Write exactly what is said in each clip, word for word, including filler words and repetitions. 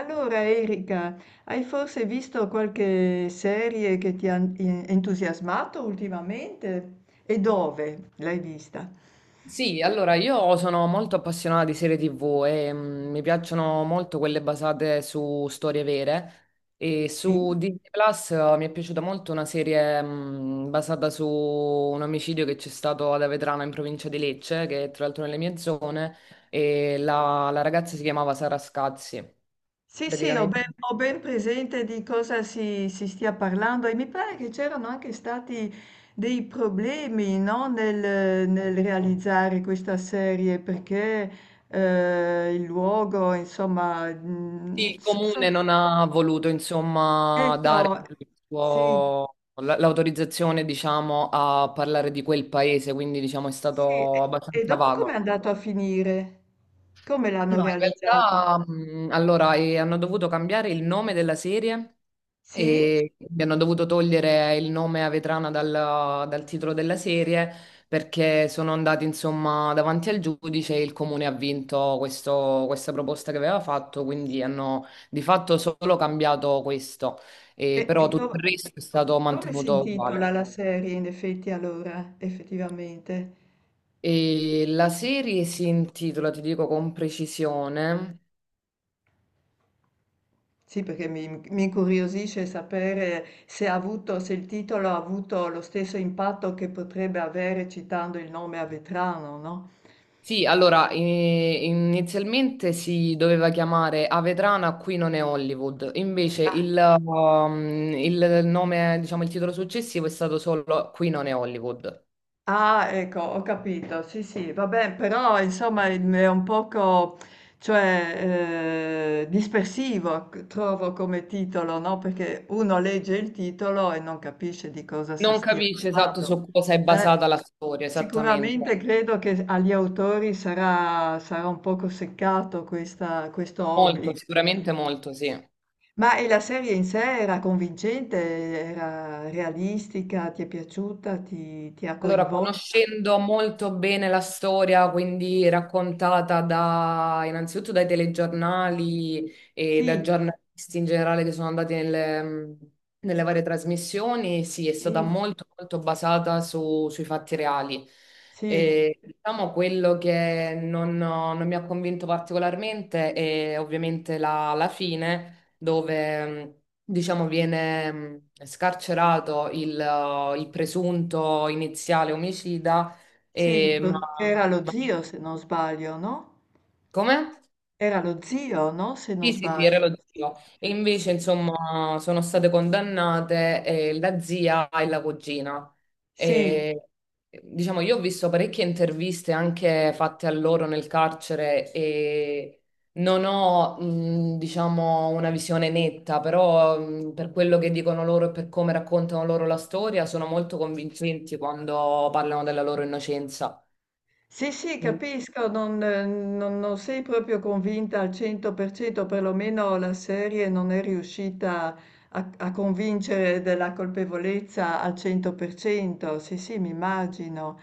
Allora Erika, hai forse visto qualche serie che ti ha en- entusiasmato ultimamente? E dove l'hai vista? Sì, allora io sono molto appassionata di serie T V e mm, mi piacciono molto quelle basate su storie vere e Sì, su Disney Plus, eh, mi è piaciuta molto una serie mm, basata su un omicidio che c'è stato ad Avetrano in provincia di Lecce, che è tra l'altro nelle mie zone, e la, la ragazza si chiamava Sara Scazzi. sì, sì, ho Praticamente ben, ho ben presente di cosa si, si stia parlando, e mi pare che c'erano anche stati dei problemi, no, nel, nel realizzare questa serie perché eh, il luogo, insomma, sì, mm, il so- so- comune non ha voluto, insomma, dare ecco, il sì. suo- l- l'autorizzazione, diciamo, a parlare di quel paese, quindi, diciamo, è Sì, stato e e abbastanza dopo com'è vago. andato a finire? Come l'hanno No, in realizzato? realtà, mh, allora, eh, hanno dovuto cambiare il nome della serie Sì? e mi hanno dovuto togliere il nome a Vetrana dal, dal titolo della serie perché sono andati, insomma, davanti al giudice e il comune ha vinto questo- questa proposta che aveva fatto, quindi hanno di fatto solo cambiato questo, E, e e però tutto co- il resto è co- stato come si mantenuto intitola uguale. la serie in effetti allora, effettivamente? E la serie si intitola, ti dico con precisione. Sì, perché mi, mi incuriosisce sapere se ha avuto, se il titolo ha avuto lo stesso impatto che potrebbe avere citando il nome a Vetrano, no? Sì, allora, eh, inizialmente si doveva chiamare Avetrana, qui non è Hollywood, invece il, um, il nome, diciamo, il titolo successivo è stato solo Qui non è Hollywood. Ah, ecco, ho capito. Sì, sì, vabbè, però insomma il- è un poco, cioè, eh, dispersivo, c- trovo come titolo, no? Perché uno legge il titolo e non capisce di cosa si Non stia capisce esatto parlando. su cosa è Eh, basata la storia, Sicuramente esattamente. credo che agli autori sarà, sarà un poco seccato questa- questo Molto, obbligo. sicuramente molto, sì. Ma e la serie in sé era convincente, era realistica, ti è piaciuta, ti, ti ha Allora, coinvolto? conoscendo molto bene la storia, quindi raccontata da, innanzitutto dai telegiornali e da Sì. giornalisti in generale che sono andati nelle, nelle varie trasmissioni, sì, è stata Sì, molto, molto basata su- sui fatti reali. sì, E, diciamo quello che non, non mi ha convinto particolarmente è ovviamente la la fine dove mh, diciamo viene mh, scarcerato il, eh, il presunto iniziale omicida, sì, e, ma, lo- era lo ma zio se non sbaglio, no? come? Era lo zio, no? Se non Sì, sì, sì, era sbaglio. Sì, relativo. E invece, sì, insomma, sono state condannate, eh, la zia e la cugina. sì, E, diciamo, io ho visto parecchie interviste anche fatte a loro nel carcere e non ho, mh, diciamo, una visione netta, però mh, per quello che dicono loro e per come raccontano loro la storia, sono molto convincenti quando parlano della loro innocenza. sì, sì, Mm. capisco, non, eh, non- non sei proprio convinta al cento per cento, perlomeno la serie non è riuscita a, a convincere della colpevolezza al cento per cento, sì, sì, mi immagino.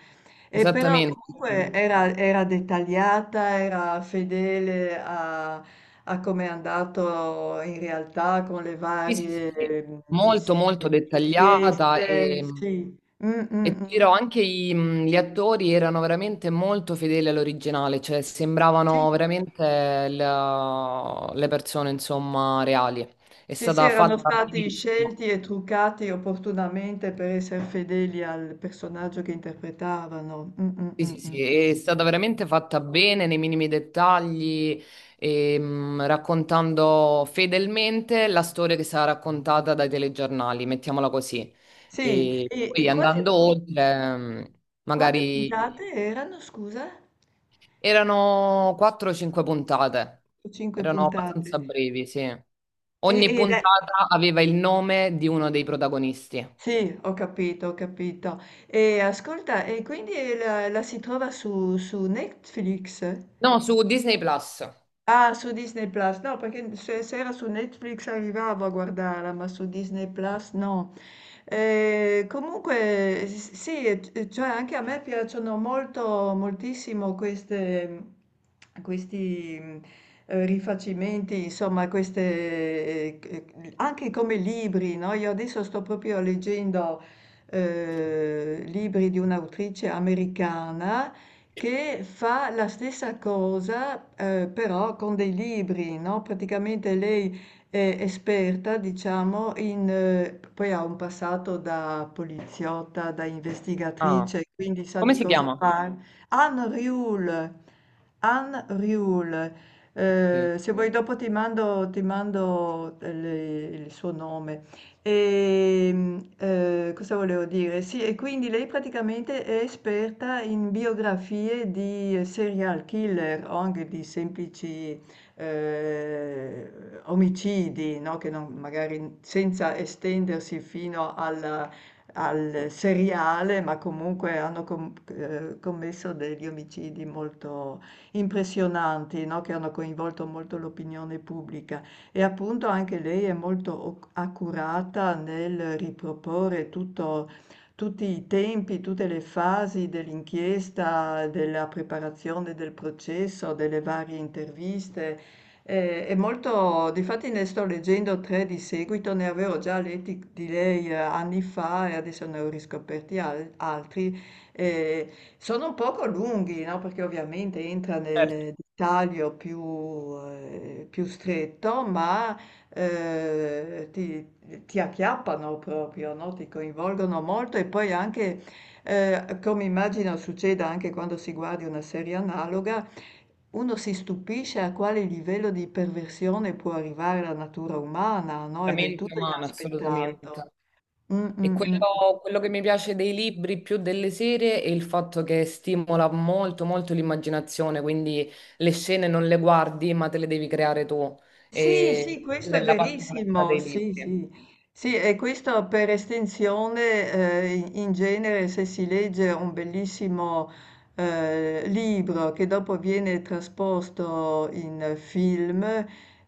E però Esattamente, sì. comunque era, era dettagliata, era fedele a, a come è andato in realtà con le Sì, sì, sì, varie sì. Mm, molto sì, molto dettagliata inchieste. e, Sì. Mm, mm, e ti mm. dirò anche i- mh, gli attori erano veramente molto fedeli all'originale, cioè Sì, sembravano veramente la- le persone insomma reali. È sì, sì, stata erano fatta stati scelti benissimo. e truccati opportunamente per essere fedeli al personaggio che interpretavano. Mm, mm, Sì, mm, sì, mm. sì, è stata veramente fatta bene nei minimi dettagli, ehm, raccontando fedelmente la storia che sarà raccontata dai telegiornali, mettiamola così. Sì, E e, poi e quante, andando oltre, ehm, quante magari puntate erano, scusa? erano quattro o cinque puntate, Cinque erano puntate. abbastanza brevi, sì. E Ogni e le puntata aveva il nome di uno dei protagonisti. Sì, ho capito, ho capito. E ascolta, e quindi la, la si trova su, su Netflix? No, su Disney Plus. Ah, su Disney Plus, no, perché se, se era su Netflix arrivavo a guardarla, ma su Disney Plus no. Eh, comunque, s- sì, eh, cioè anche a me piacciono molto, moltissimo queste, questi mm, eh, rifacimenti, insomma, queste, eh, eh, anche come libri, no? Io adesso sto proprio leggendo eh, libri di un'autrice americana che fa la stessa cosa, uhm, però con dei libri, no, praticamente lei è esperta, diciamo, in p poi ha un passato da poliziotta, da Ah, investigatrice, quindi sa come di si cosa chiama? par Anne Riul, Anne Riul. Ok. Uhm, se vuoi dopo ti mando ti mando, ehm, le il suo nome. Ehm, uhm, cosa volevo dire? Sì, e quindi lei praticamente è esperta in biografie di serial killer o anche di semplici, uhm, omicidi, no, che non magari senza estendersi fino alla al seriale, ma comunque hanno com uhm, commesso degli omicidi molto impressionanti, no, che hanno coinvolto molto l'opinione pubblica. E appunto anche lei è molto oc accurata nel riproporre tutto tutti i tempi, tutte le fasi dell'inchiesta, della preparazione del processo, delle varie interviste. Ehm, è molto Difatti ne sto leggendo tre di seguito, ne avevo già letti di lei eh, anni fa e adesso ne ho riscoperti al altri, ehm, sono un poco lunghi, no, perché ovviamente entra Certo. nel dettaglio più, ehm, più stretto, ma, ehm, ti ti acchiappano proprio, no, ti coinvolgono molto e poi anche, ehm, come immagino succeda anche quando si guardi una serie analoga, uno si stupisce a quale livello di perversione può arrivare la natura umana, no, La è del mente tutto umana, assolutamente. inaspettato. Mh, mh, E mh. quello, quello che mi piace dei libri più delle serie è il fatto che stimola molto, molto l'immaginazione, quindi le scene non le guardi, ma te le devi creare tu. Sì, E sì, questo quella è è la particolarità verissimo, dei sì, libri. sì, sì, e questo per estensione, eh, in in genere se si legge un bellissimo eh, libro che dopo viene trasposto in film,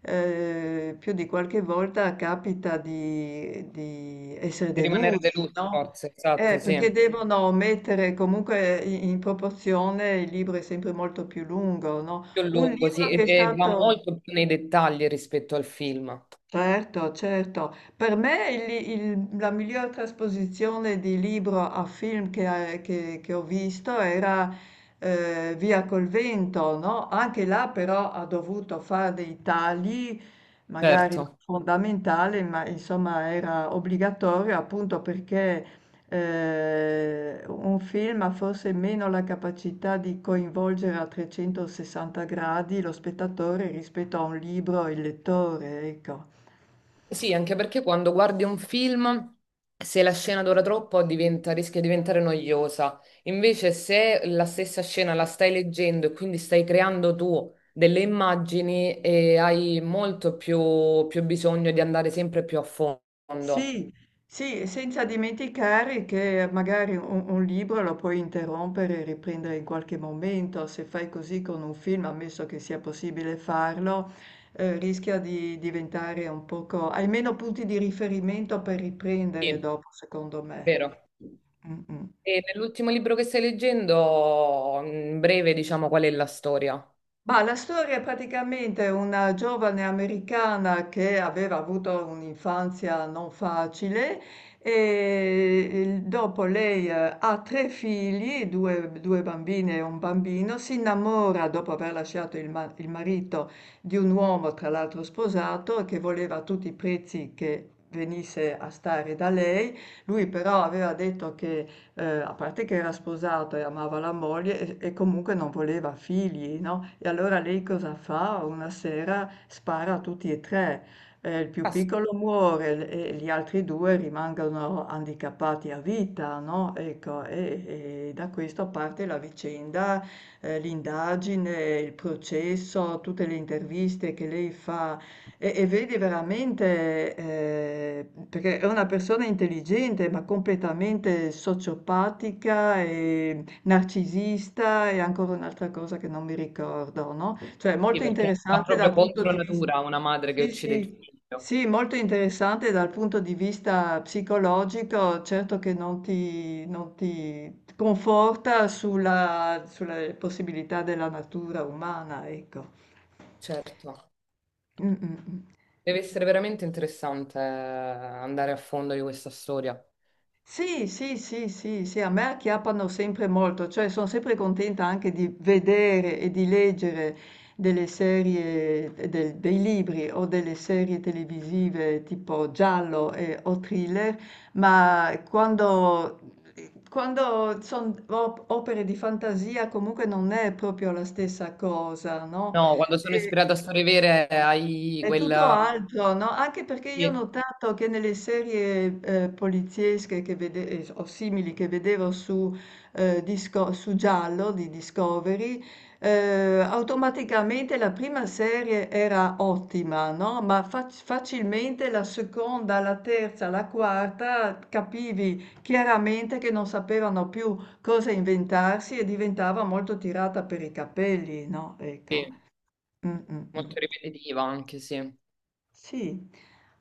eh, più di qualche volta capita di, di essere Di rimanere delusi, delusi, no? forse, Eh, esatto, sì. Perché devono mettere comunque in, in proporzione, il libro è sempre molto più lungo, no? Più Un lungo, sì, libro e, che è e va stato... molto più nei dettagli rispetto al film. Certo, certo. Per me il- il- la miglior trasposizione di libro a film che, che- che ho visto era eh, Via col vento, no? Anche là però ha dovuto fare dei tagli, magari non Certo. fondamentali, ma insomma era obbligatorio appunto perché eh, un film ha forse meno la capacità di coinvolgere a trecentosessanta gradi lo spettatore rispetto a un libro e il lettore, ecco. Sì, anche perché quando guardi un film, se la scena dura troppo diventa- rischia di diventare noiosa. Invece, se la stessa scena la stai leggendo e quindi stai creando tu delle immagini, eh, hai molto più, più bisogno di andare sempre più a fondo. Sì, sì, senza dimenticare che magari un, un libro lo puoi interrompere e riprendere in qualche momento, se fai così con un film, ammesso che sia possibile farlo, eh, rischia di diventare un poco... hai meno punti di riferimento per riprendere Sì, dopo, secondo me. vero. Mm, mm. E nell'ultimo libro che stai leggendo, in breve, diciamo qual è la storia. Ma la storia è praticamente una giovane americana che aveva avuto un'infanzia non facile e il- dopo lei eh, ha tre figli, due, due bambine e un bambino, si innamora dopo aver lasciato il, ma- il marito di un uomo, tra l'altro sposato, che voleva a tutti i prezzi che venisse a stare da lei. Lui però aveva detto che... Ehm, a parte che era sposato e amava la moglie e e comunque non voleva figli, no, e allora lei cosa fa? Una sera spara a tutti e tre. Ehm, il più Ah, sì, piccolo muore, l e gli altri due rimangono handicappati a vita, no, ecco, e e da questo parte la vicenda, ehm, l'indagine, il processo, tutte le interviste che lei fa e, e vedi veramente, eh, perché è una persona intelligente, ma completamente sociopatica e narcisista e ancora un'altra cosa che non mi ricordo, no? Cioè, molto perché va interessante proprio dal punto contro di vista... natura una madre che Sì, uccide il sì. figlio. Sì, molto interessante dal punto di vista psicologico, certo che non ti, non ti conforta sulla, sulle possibilità della natura umana, ecco. Certo. Mm, mm, mm. Deve essere veramente interessante, eh, andare a fondo di questa storia. Sì, sì, sì, sì, sì, a me acchiappano sempre molto, cioè sono sempre contenta anche di vedere e di leggere delle serie, eh, del- dei libri o delle serie televisive tipo giallo e- o thriller, ma quando, quando sono opere di fantasia comunque non è proprio la stessa cosa, no? No, quando sono ispirata a storie vere hai È tutto quella... altro, no? Anche perché io ho Sì, notato che nelle serie eh, poliziesche che vede- eh, o simili che vedevo su, eh, Disco- su Giallo di Discovery, eh, automaticamente la prima serie era ottima, no? Ma fac- facilmente la seconda, la terza, la quarta capivi chiaramente che non sapevano più cosa inventarsi e diventava molto tirata per i capelli, no? Ecco. sì, Mm, mm, mm. molto ripetitiva anche, sì. Sì,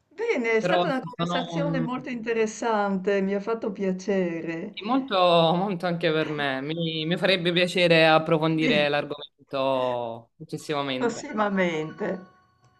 bene, è stata Però una sì, sono conversazione mm, molto interessante, mi ha fatto piacere. sì, molto, molto anche per me. Mi, mi farebbe piacere Sì, approfondire l'argomento successivamente. prossimamente.